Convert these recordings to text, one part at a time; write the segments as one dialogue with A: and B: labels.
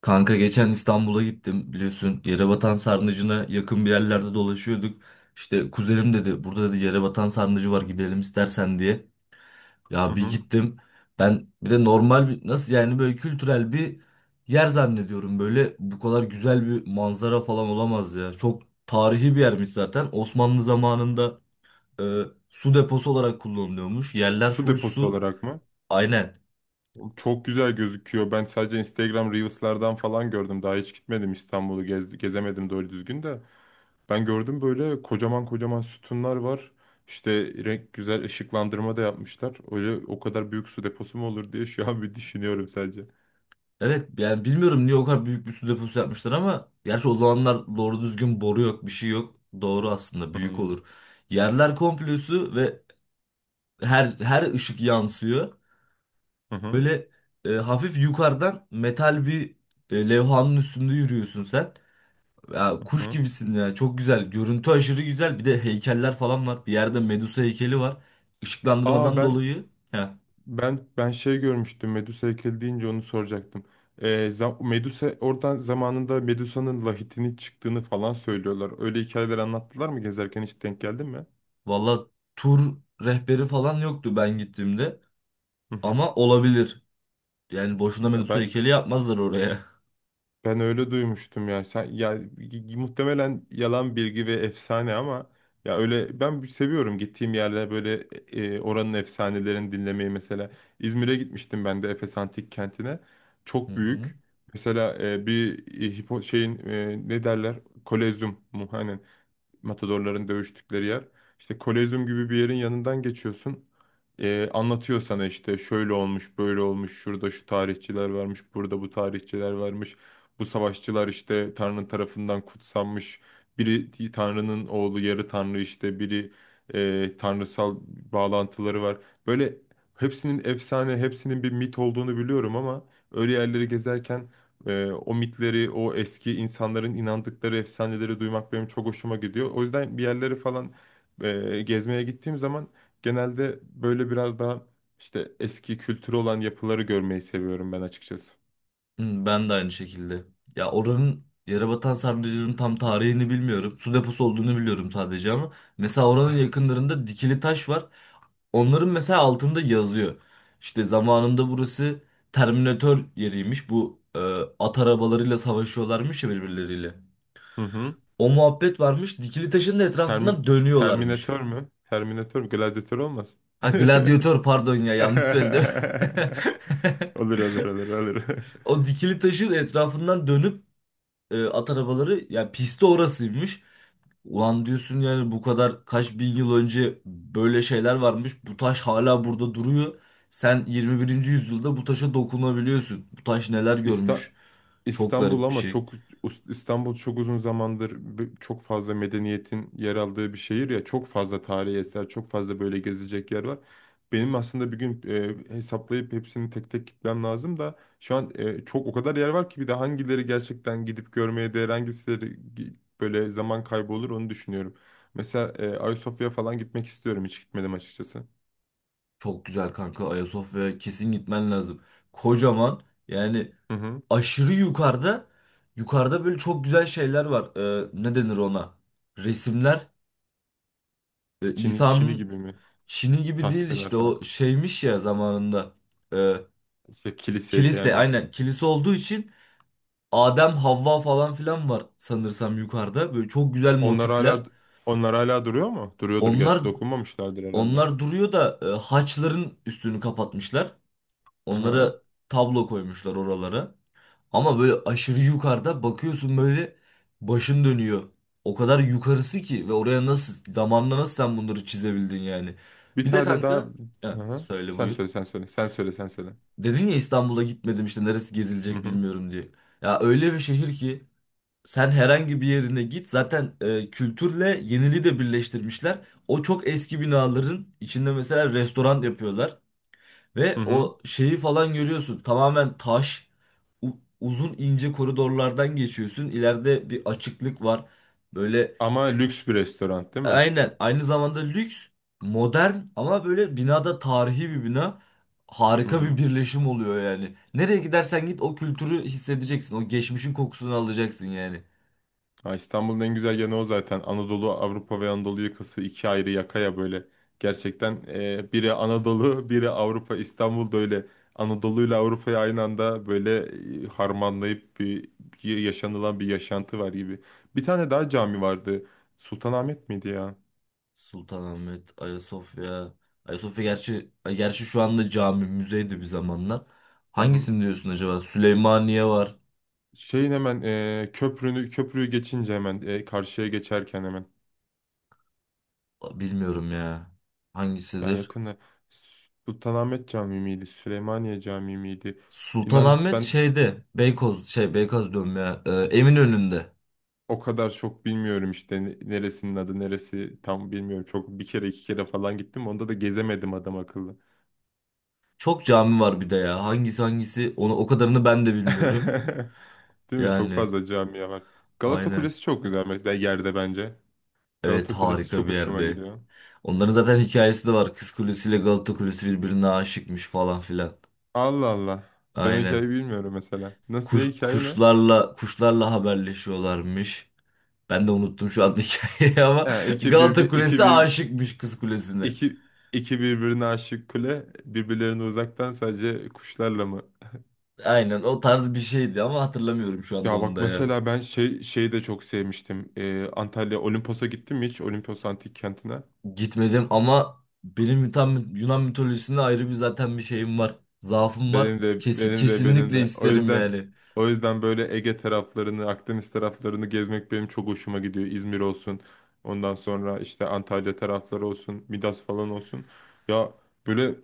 A: Kanka geçen İstanbul'a gittim biliyorsun, Yerebatan Sarnıcı'na yakın bir yerlerde dolaşıyorduk. İşte kuzenim dedi burada dedi Yerebatan Sarnıcı var, gidelim istersen diye.
B: Hı
A: Ya bir
B: hı.
A: gittim, ben bir de normal bir, nasıl yani, böyle kültürel bir yer zannediyorum, böyle bu kadar güzel bir manzara falan olamaz ya. Çok tarihi bir yermiş zaten. Osmanlı zamanında e, su deposu olarak kullanılıyormuş, yerler
B: Su
A: full
B: deposu
A: su,
B: olarak mı?
A: aynen.
B: Çok güzel gözüküyor. Ben sadece Instagram Reels'lerden falan gördüm. Daha hiç gitmedim, İstanbul'u gezemedim doğru düzgün de. Ben gördüm, böyle kocaman kocaman sütunlar var. İşte renk güzel, ışıklandırma da yapmışlar. Öyle o kadar büyük su deposu mu olur diye şu an bir düşünüyorum sadece.
A: Evet yani bilmiyorum niye o kadar büyük bir su deposu yapmışlar, ama gerçi o zamanlar doğru düzgün boru yok, bir şey yok. Doğru, aslında büyük
B: Hı
A: olur. Yerler komple su ve her ışık yansıyor.
B: hı hı.
A: Böyle hafif yukarıdan metal bir levhanın üstünde yürüyorsun sen. Ya, kuş
B: Hı.
A: gibisin ya, çok güzel. Görüntü aşırı güzel. Bir de heykeller falan var. Bir yerde Medusa heykeli var.
B: Aa,
A: Işıklandırmadan
B: ben
A: dolayı.
B: Ben ben şey görmüştüm, Medusa heykeli deyince onu soracaktım. Medusa oradan zamanında Medusa'nın lahitini çıktığını falan söylüyorlar. Öyle hikayeler anlattılar mı gezerken, hiç denk geldin mi?
A: Valla tur rehberi falan yoktu ben gittiğimde.
B: Hı hı.
A: Ama olabilir. Yani boşuna
B: Ya,
A: Medusa
B: Ben
A: heykeli yapmazlar oraya.
B: Ben öyle duymuştum ya. Sen muhtemelen yalan bilgi ve efsane ama ya, öyle ben bir seviyorum gittiğim yerlere böyle oranın efsanelerini dinlemeyi mesela. İzmir'e gitmiştim ben de Efes Antik Kenti'ne.
A: Hı
B: Çok
A: hı.
B: büyük. Mesela bir e, hipo şeyin, ne derler? Kolezyum mu? Aynen, matadorların dövüştükleri yer. İşte Kolezyum gibi bir yerin yanından geçiyorsun. Anlatıyor sana işte şöyle olmuş, böyle olmuş, şurada şu tarihçiler varmış, burada bu tarihçiler varmış. Bu savaşçılar işte Tanrı tarafından kutsanmış. Biri Tanrı'nın oğlu, yarı Tanrı işte, biri tanrısal bağlantıları var. Böyle hepsinin efsane, hepsinin bir mit olduğunu biliyorum ama öyle yerleri gezerken o mitleri, o eski insanların inandıkları efsaneleri duymak benim çok hoşuma gidiyor. O yüzden bir yerlere falan gezmeye gittiğim zaman genelde böyle biraz daha işte eski kültürü olan yapıları görmeyi seviyorum ben açıkçası.
A: Hı, ben de aynı şekilde. Ya oranın, Yerebatan Sarnıcı'nın, tam tarihini bilmiyorum. Su deposu olduğunu biliyorum sadece ama. Mesela oranın yakınlarında dikili taş var. Onların mesela altında yazıyor. İşte zamanında burası Terminator yeriymiş. Bu at arabalarıyla savaşıyorlarmış ya birbirleriyle.
B: Hı hı.
A: O muhabbet varmış. Dikili taşın da
B: Termi
A: etrafından dönüyorlarmış.
B: Terminatör mü? Terminatör mü? Gladyatör olmasın?
A: Ha, gladyatör, pardon ya, yanlış söyledim.
B: Olur olur olur olur.
A: O dikili taşın etrafından dönüp at arabaları, yani pisti orasıymış. Ulan diyorsun yani, bu kadar kaç bin yıl önce böyle şeyler varmış. Bu taş hala burada duruyor. Sen 21. yüzyılda bu taşa dokunabiliyorsun. Bu taş neler
B: İsta-
A: görmüş. Çok
B: İstanbul
A: garip bir
B: ama
A: şey.
B: çok İstanbul çok uzun zamandır çok fazla medeniyetin yer aldığı bir şehir ya, çok fazla tarihi eser, çok fazla böyle gezecek yer var. Benim aslında bir gün hesaplayıp hepsini tek tek gitmem lazım da şu an çok, o kadar yer var ki, bir de hangileri gerçekten gidip görmeye değer, hangisileri gi- böyle zaman kaybı olur onu düşünüyorum. Mesela Ayasofya falan gitmek istiyorum, hiç gitmedim açıkçası.
A: Çok güzel kanka, Ayasofya'ya kesin gitmen lazım. Kocaman, yani
B: Hı hı.
A: aşırı yukarıda, yukarıda böyle çok güzel şeyler var. Ne denir ona? Resimler.
B: Çin'i
A: İsa'nın
B: gibi mi?
A: Çin'i gibi değil,
B: Tasvirler,
A: işte
B: ha.
A: o şeymiş ya zamanında. Ee,
B: İşte kiliseydi
A: Kilise,
B: yani.
A: aynen, kilise olduğu için Adem Havva falan filan var sanırsam yukarıda. Böyle çok güzel
B: Onlar
A: motifler.
B: hala onlar hala duruyor mu? Duruyordur
A: Onlar
B: gerçi, dokunmamışlardır herhalde.
A: onlar duruyor da haçların üstünü kapatmışlar.
B: Aha.
A: Onlara tablo koymuşlar oralara. Ama böyle aşırı yukarıda bakıyorsun, böyle başın dönüyor. O kadar yukarısı ki, ve oraya nasıl, zamanla nasıl sen bunları çizebildin yani.
B: Bir
A: Bir de
B: tane daha.
A: kanka, ha,
B: Aha.
A: söyle,
B: Sen
A: buyur.
B: söyle sen söyle. Sen söyle sen söyle.
A: Dedin ya, İstanbul'a gitmedim, işte neresi
B: Hı
A: gezilecek
B: hı.
A: bilmiyorum diye. Ya öyle bir şehir ki sen herhangi bir yerine git, zaten kültürle yeniliği de birleştirmişler. O çok eski binaların içinde mesela restoran yapıyorlar
B: Hı
A: ve
B: hı.
A: o şeyi falan görüyorsun. Tamamen taş, uzun ince koridorlardan geçiyorsun. İleride bir açıklık var. Böyle
B: Ama lüks bir restoran değil mi?
A: aynen. Aynı zamanda lüks, modern ama böyle binada, tarihi bir bina.
B: Hı
A: Harika bir
B: hı.
A: birleşim oluyor yani. Nereye gidersen git o kültürü hissedeceksin. O geçmişin kokusunu alacaksın yani.
B: Ha, İstanbul'un en güzel yanı o zaten. Anadolu, Avrupa ve Anadolu yakası, iki ayrı yakaya böyle. Gerçekten, biri Anadolu, biri Avrupa. İstanbul'da öyle Anadolu ile Avrupa'yı aynı anda böyle harmanlayıp bir yaşanılan bir yaşantı var gibi. Bir tane daha cami vardı. Sultanahmet miydi ya?
A: Sultanahmet, Ayasofya. Ayasofya gerçi şu anda cami, müzeydi bir zamanlar.
B: Hı hı.
A: Hangisini diyorsun acaba? Süleymaniye var.
B: Şeyin hemen köprüyü geçince hemen karşıya geçerken hemen.
A: Bilmiyorum ya.
B: Ya,
A: Hangisidir?
B: yakında Sultanahmet Camii miydi? Süleymaniye Camii miydi? İnan
A: Sultanahmet
B: ben
A: şeyde. Beykoz, şey, Beykoz diyorum ya. Eminönü'nde.
B: o kadar çok bilmiyorum işte, neresinin adı neresi tam bilmiyorum. Çok, bir kere iki kere falan gittim. Onda da gezemedim adam akıllı.
A: Çok cami var bir de ya. Hangisi hangisi, onu o kadarını ben de bilmiyorum.
B: Değil mi? Çok
A: Yani
B: fazla camiye var. Galata
A: aynen.
B: Kulesi çok güzel mesela, yerde bence.
A: Evet,
B: Galata Kulesi
A: harika
B: çok
A: bir
B: hoşuma
A: yerde.
B: gidiyor.
A: Onların zaten hikayesi de var. Kız Kulesi ile Galata Kulesi birbirine aşıkmış falan filan.
B: Allah Allah. Ben o
A: Aynen.
B: hikayeyi bilmiyorum mesela. Nasıl, ne
A: Kuş,
B: hikaye, ne?
A: kuşlarla haberleşiyorlarmış. Ben de unuttum şu anda hikayeyi ama
B: Ha,
A: Galata Kulesi aşıkmış Kız Kulesi'ne.
B: iki iki birbirine aşık kule birbirlerine uzaktan sadece kuşlarla mı?
A: Aynen o tarz bir şeydi ama hatırlamıyorum şu anda
B: Ya
A: onu
B: bak
A: da ya.
B: mesela, ben şeyi de çok sevmiştim. Antalya Olimpos'a gittim mi hiç? Olimpos Antik Kenti'ne.
A: Gitmedim ama benim Yunan, Yunan mitolojisinde ayrı bir zaten bir şeyim var. Zaafım var.
B: Benim de benim de benim
A: Kesinlikle
B: de. O
A: isterim
B: yüzden
A: yani.
B: o yüzden böyle Ege taraflarını, Akdeniz taraflarını gezmek benim çok hoşuma gidiyor. İzmir olsun. Ondan sonra işte Antalya tarafları olsun, Midas falan olsun. Ya, böyle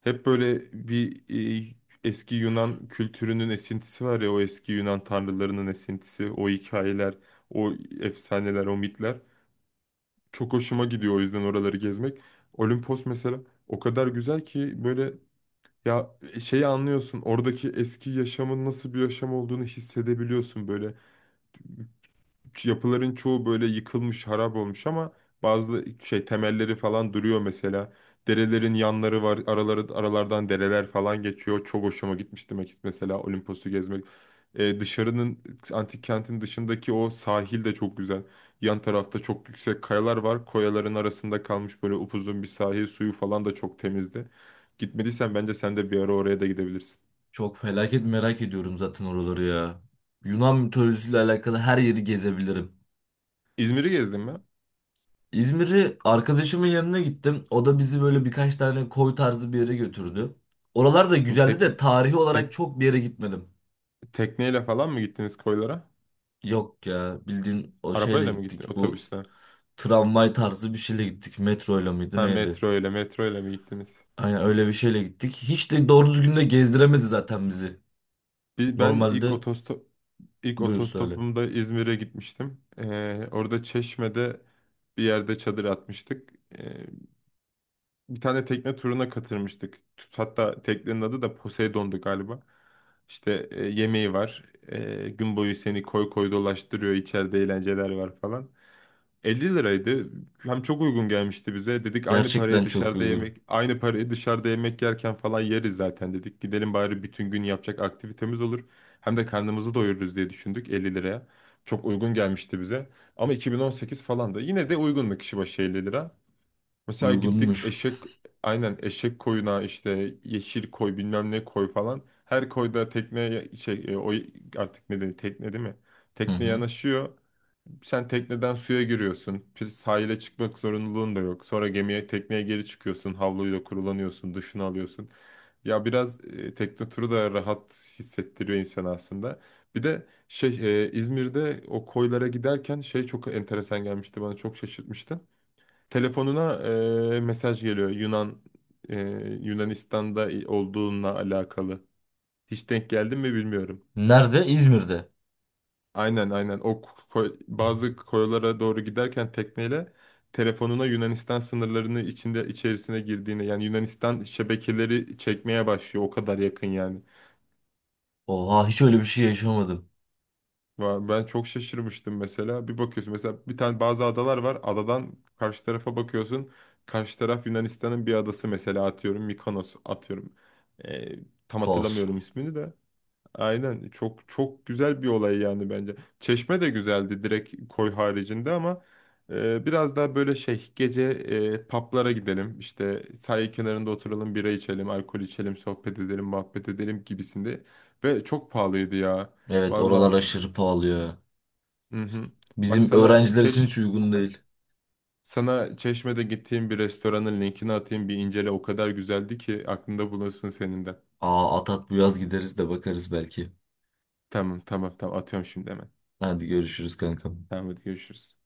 B: hep böyle bir e, eski Yunan kültürünün esintisi var ya, o eski Yunan tanrılarının esintisi, o hikayeler, o efsaneler, o mitler. Çok hoşuma gidiyor o yüzden oraları gezmek. Olimpos mesela o kadar güzel ki, böyle, ya, şeyi anlıyorsun. Oradaki eski yaşamın nasıl bir yaşam olduğunu hissedebiliyorsun, böyle yapıların çoğu böyle yıkılmış, harap olmuş ama bazı şey temelleri falan duruyor mesela. Derelerin yanları var, aralardan dereler falan geçiyor. Çok hoşuma gitmişti Mekik mesela Olimpos'u gezmek. Ee, dışarının Antik kentin dışındaki o sahil de çok güzel. Yan tarafta çok yüksek kayalar var. Koyaların arasında kalmış böyle upuzun bir sahil, suyu falan da çok temizdi. Gitmediysen bence sen de bir ara oraya da gidebilirsin.
A: Çok felaket merak ediyorum zaten oraları ya. Yunan mitolojisiyle alakalı her yeri gezebilirim.
B: İzmir'i gezdin mi?
A: İzmir'i, arkadaşımın yanına gittim. O da bizi böyle birkaç tane koy tarzı bir yere götürdü. Oralar da güzeldi
B: Tek,
A: de tarihi olarak
B: tek,
A: çok bir yere gitmedim.
B: Tekneyle falan mı gittiniz koylara?
A: Yok ya, bildiğin o şeyle
B: Arabayla mı gitti?
A: gittik. Bu
B: Otobüsle.
A: tramvay tarzı bir şeyle gittik. Metroyla mıydı
B: Ha,
A: neydi?
B: metro ile mi gittiniz?
A: Aynen, öyle bir şeyle gittik. Hiç de doğru düzgün de gezdiremedi zaten bizi.
B: Bir, ben
A: Normalde
B: ilk
A: buyur söyle.
B: otostopumda İzmir'e gitmiştim. Orada Çeşme'de bir yerde çadır atmıştık. Ee, Bir tane tekne turuna katılmıştık. Hatta teknenin adı da Poseidon'du galiba. İşte yemeği var. Gün boyu seni koy koy dolaştırıyor. İçeride eğlenceler var falan. 50 liraydı. Hem çok uygun gelmişti bize. Dedik,
A: Gerçekten çok uygun.
B: aynı parayı dışarıda yemek yerken falan yeriz zaten dedik. Gidelim bari, bütün gün yapacak aktivitemiz olur. Hem de karnımızı doyururuz diye düşündük, 50 liraya. Çok uygun gelmişti bize. Ama 2018 falan da yine de uygundu kişi başı 50 lira. Mesela gittik,
A: Uygunmuş.
B: aynen, eşek koyuna işte, yeşil koy bilmem ne koy falan. Her koyda tekneye şey, o artık ne dedi, tekne değil mi?
A: Hı
B: Tekne
A: hı.
B: yanaşıyor. Sen tekneden suya giriyorsun. Bir sahile çıkmak zorunluluğun da yok. Sonra gemiye, tekneye geri çıkıyorsun. Havluyla kurulanıyorsun, duşunu alıyorsun. Ya biraz tekne turu da rahat hissettiriyor insan aslında. Bir de şey, İzmir'de o koylara giderken şey çok enteresan gelmişti bana, çok şaşırtmıştı. Telefonuna mesaj geliyor, e, Yunanistan'da olduğunla alakalı. Hiç denk geldim mi bilmiyorum.
A: Nerede? İzmir'de.
B: Aynen aynen. Bazı koylara doğru giderken tekneyle telefonuna Yunanistan sınırlarını içerisine girdiğini, yani Yunanistan şebekeleri çekmeye başlıyor, o kadar yakın yani.
A: Oha, hiç öyle bir şey yaşamadım.
B: Ben çok şaşırmıştım mesela. Bir bakıyorsun mesela, bir tane, bazı adalar var. Adadan karşı tarafa bakıyorsun. Karşı taraf Yunanistan'ın bir adası, mesela atıyorum Mikonos, atıyorum. Ee, Tam
A: Kos.
B: hatırlamıyorum ismini de. Aynen, çok çok güzel bir olay yani bence. Çeşme de güzeldi direkt koy haricinde, ama biraz daha böyle şey, gece publara gidelim işte, sahil kenarında oturalım, bira içelim, alkol içelim, sohbet edelim, muhabbet edelim gibisinde ve çok pahalıydı ya.
A: Evet, oralar
B: Valla.
A: aşırı pahalı ya.
B: Hı hı. Bak
A: Bizim
B: sana
A: öğrenciler için
B: Çeş
A: hiç uygun
B: Aha.
A: değil.
B: Sana Çeşme'de gittiğim bir restoranın linkini atayım, bir incele, o kadar güzeldi ki aklında bulunsun senin de.
A: Aa, Atat, bu yaz gideriz de bakarız belki.
B: Tamam tamam tamam, atıyorum şimdi hemen.
A: Hadi görüşürüz kankam.
B: Tamam, hadi görüşürüz.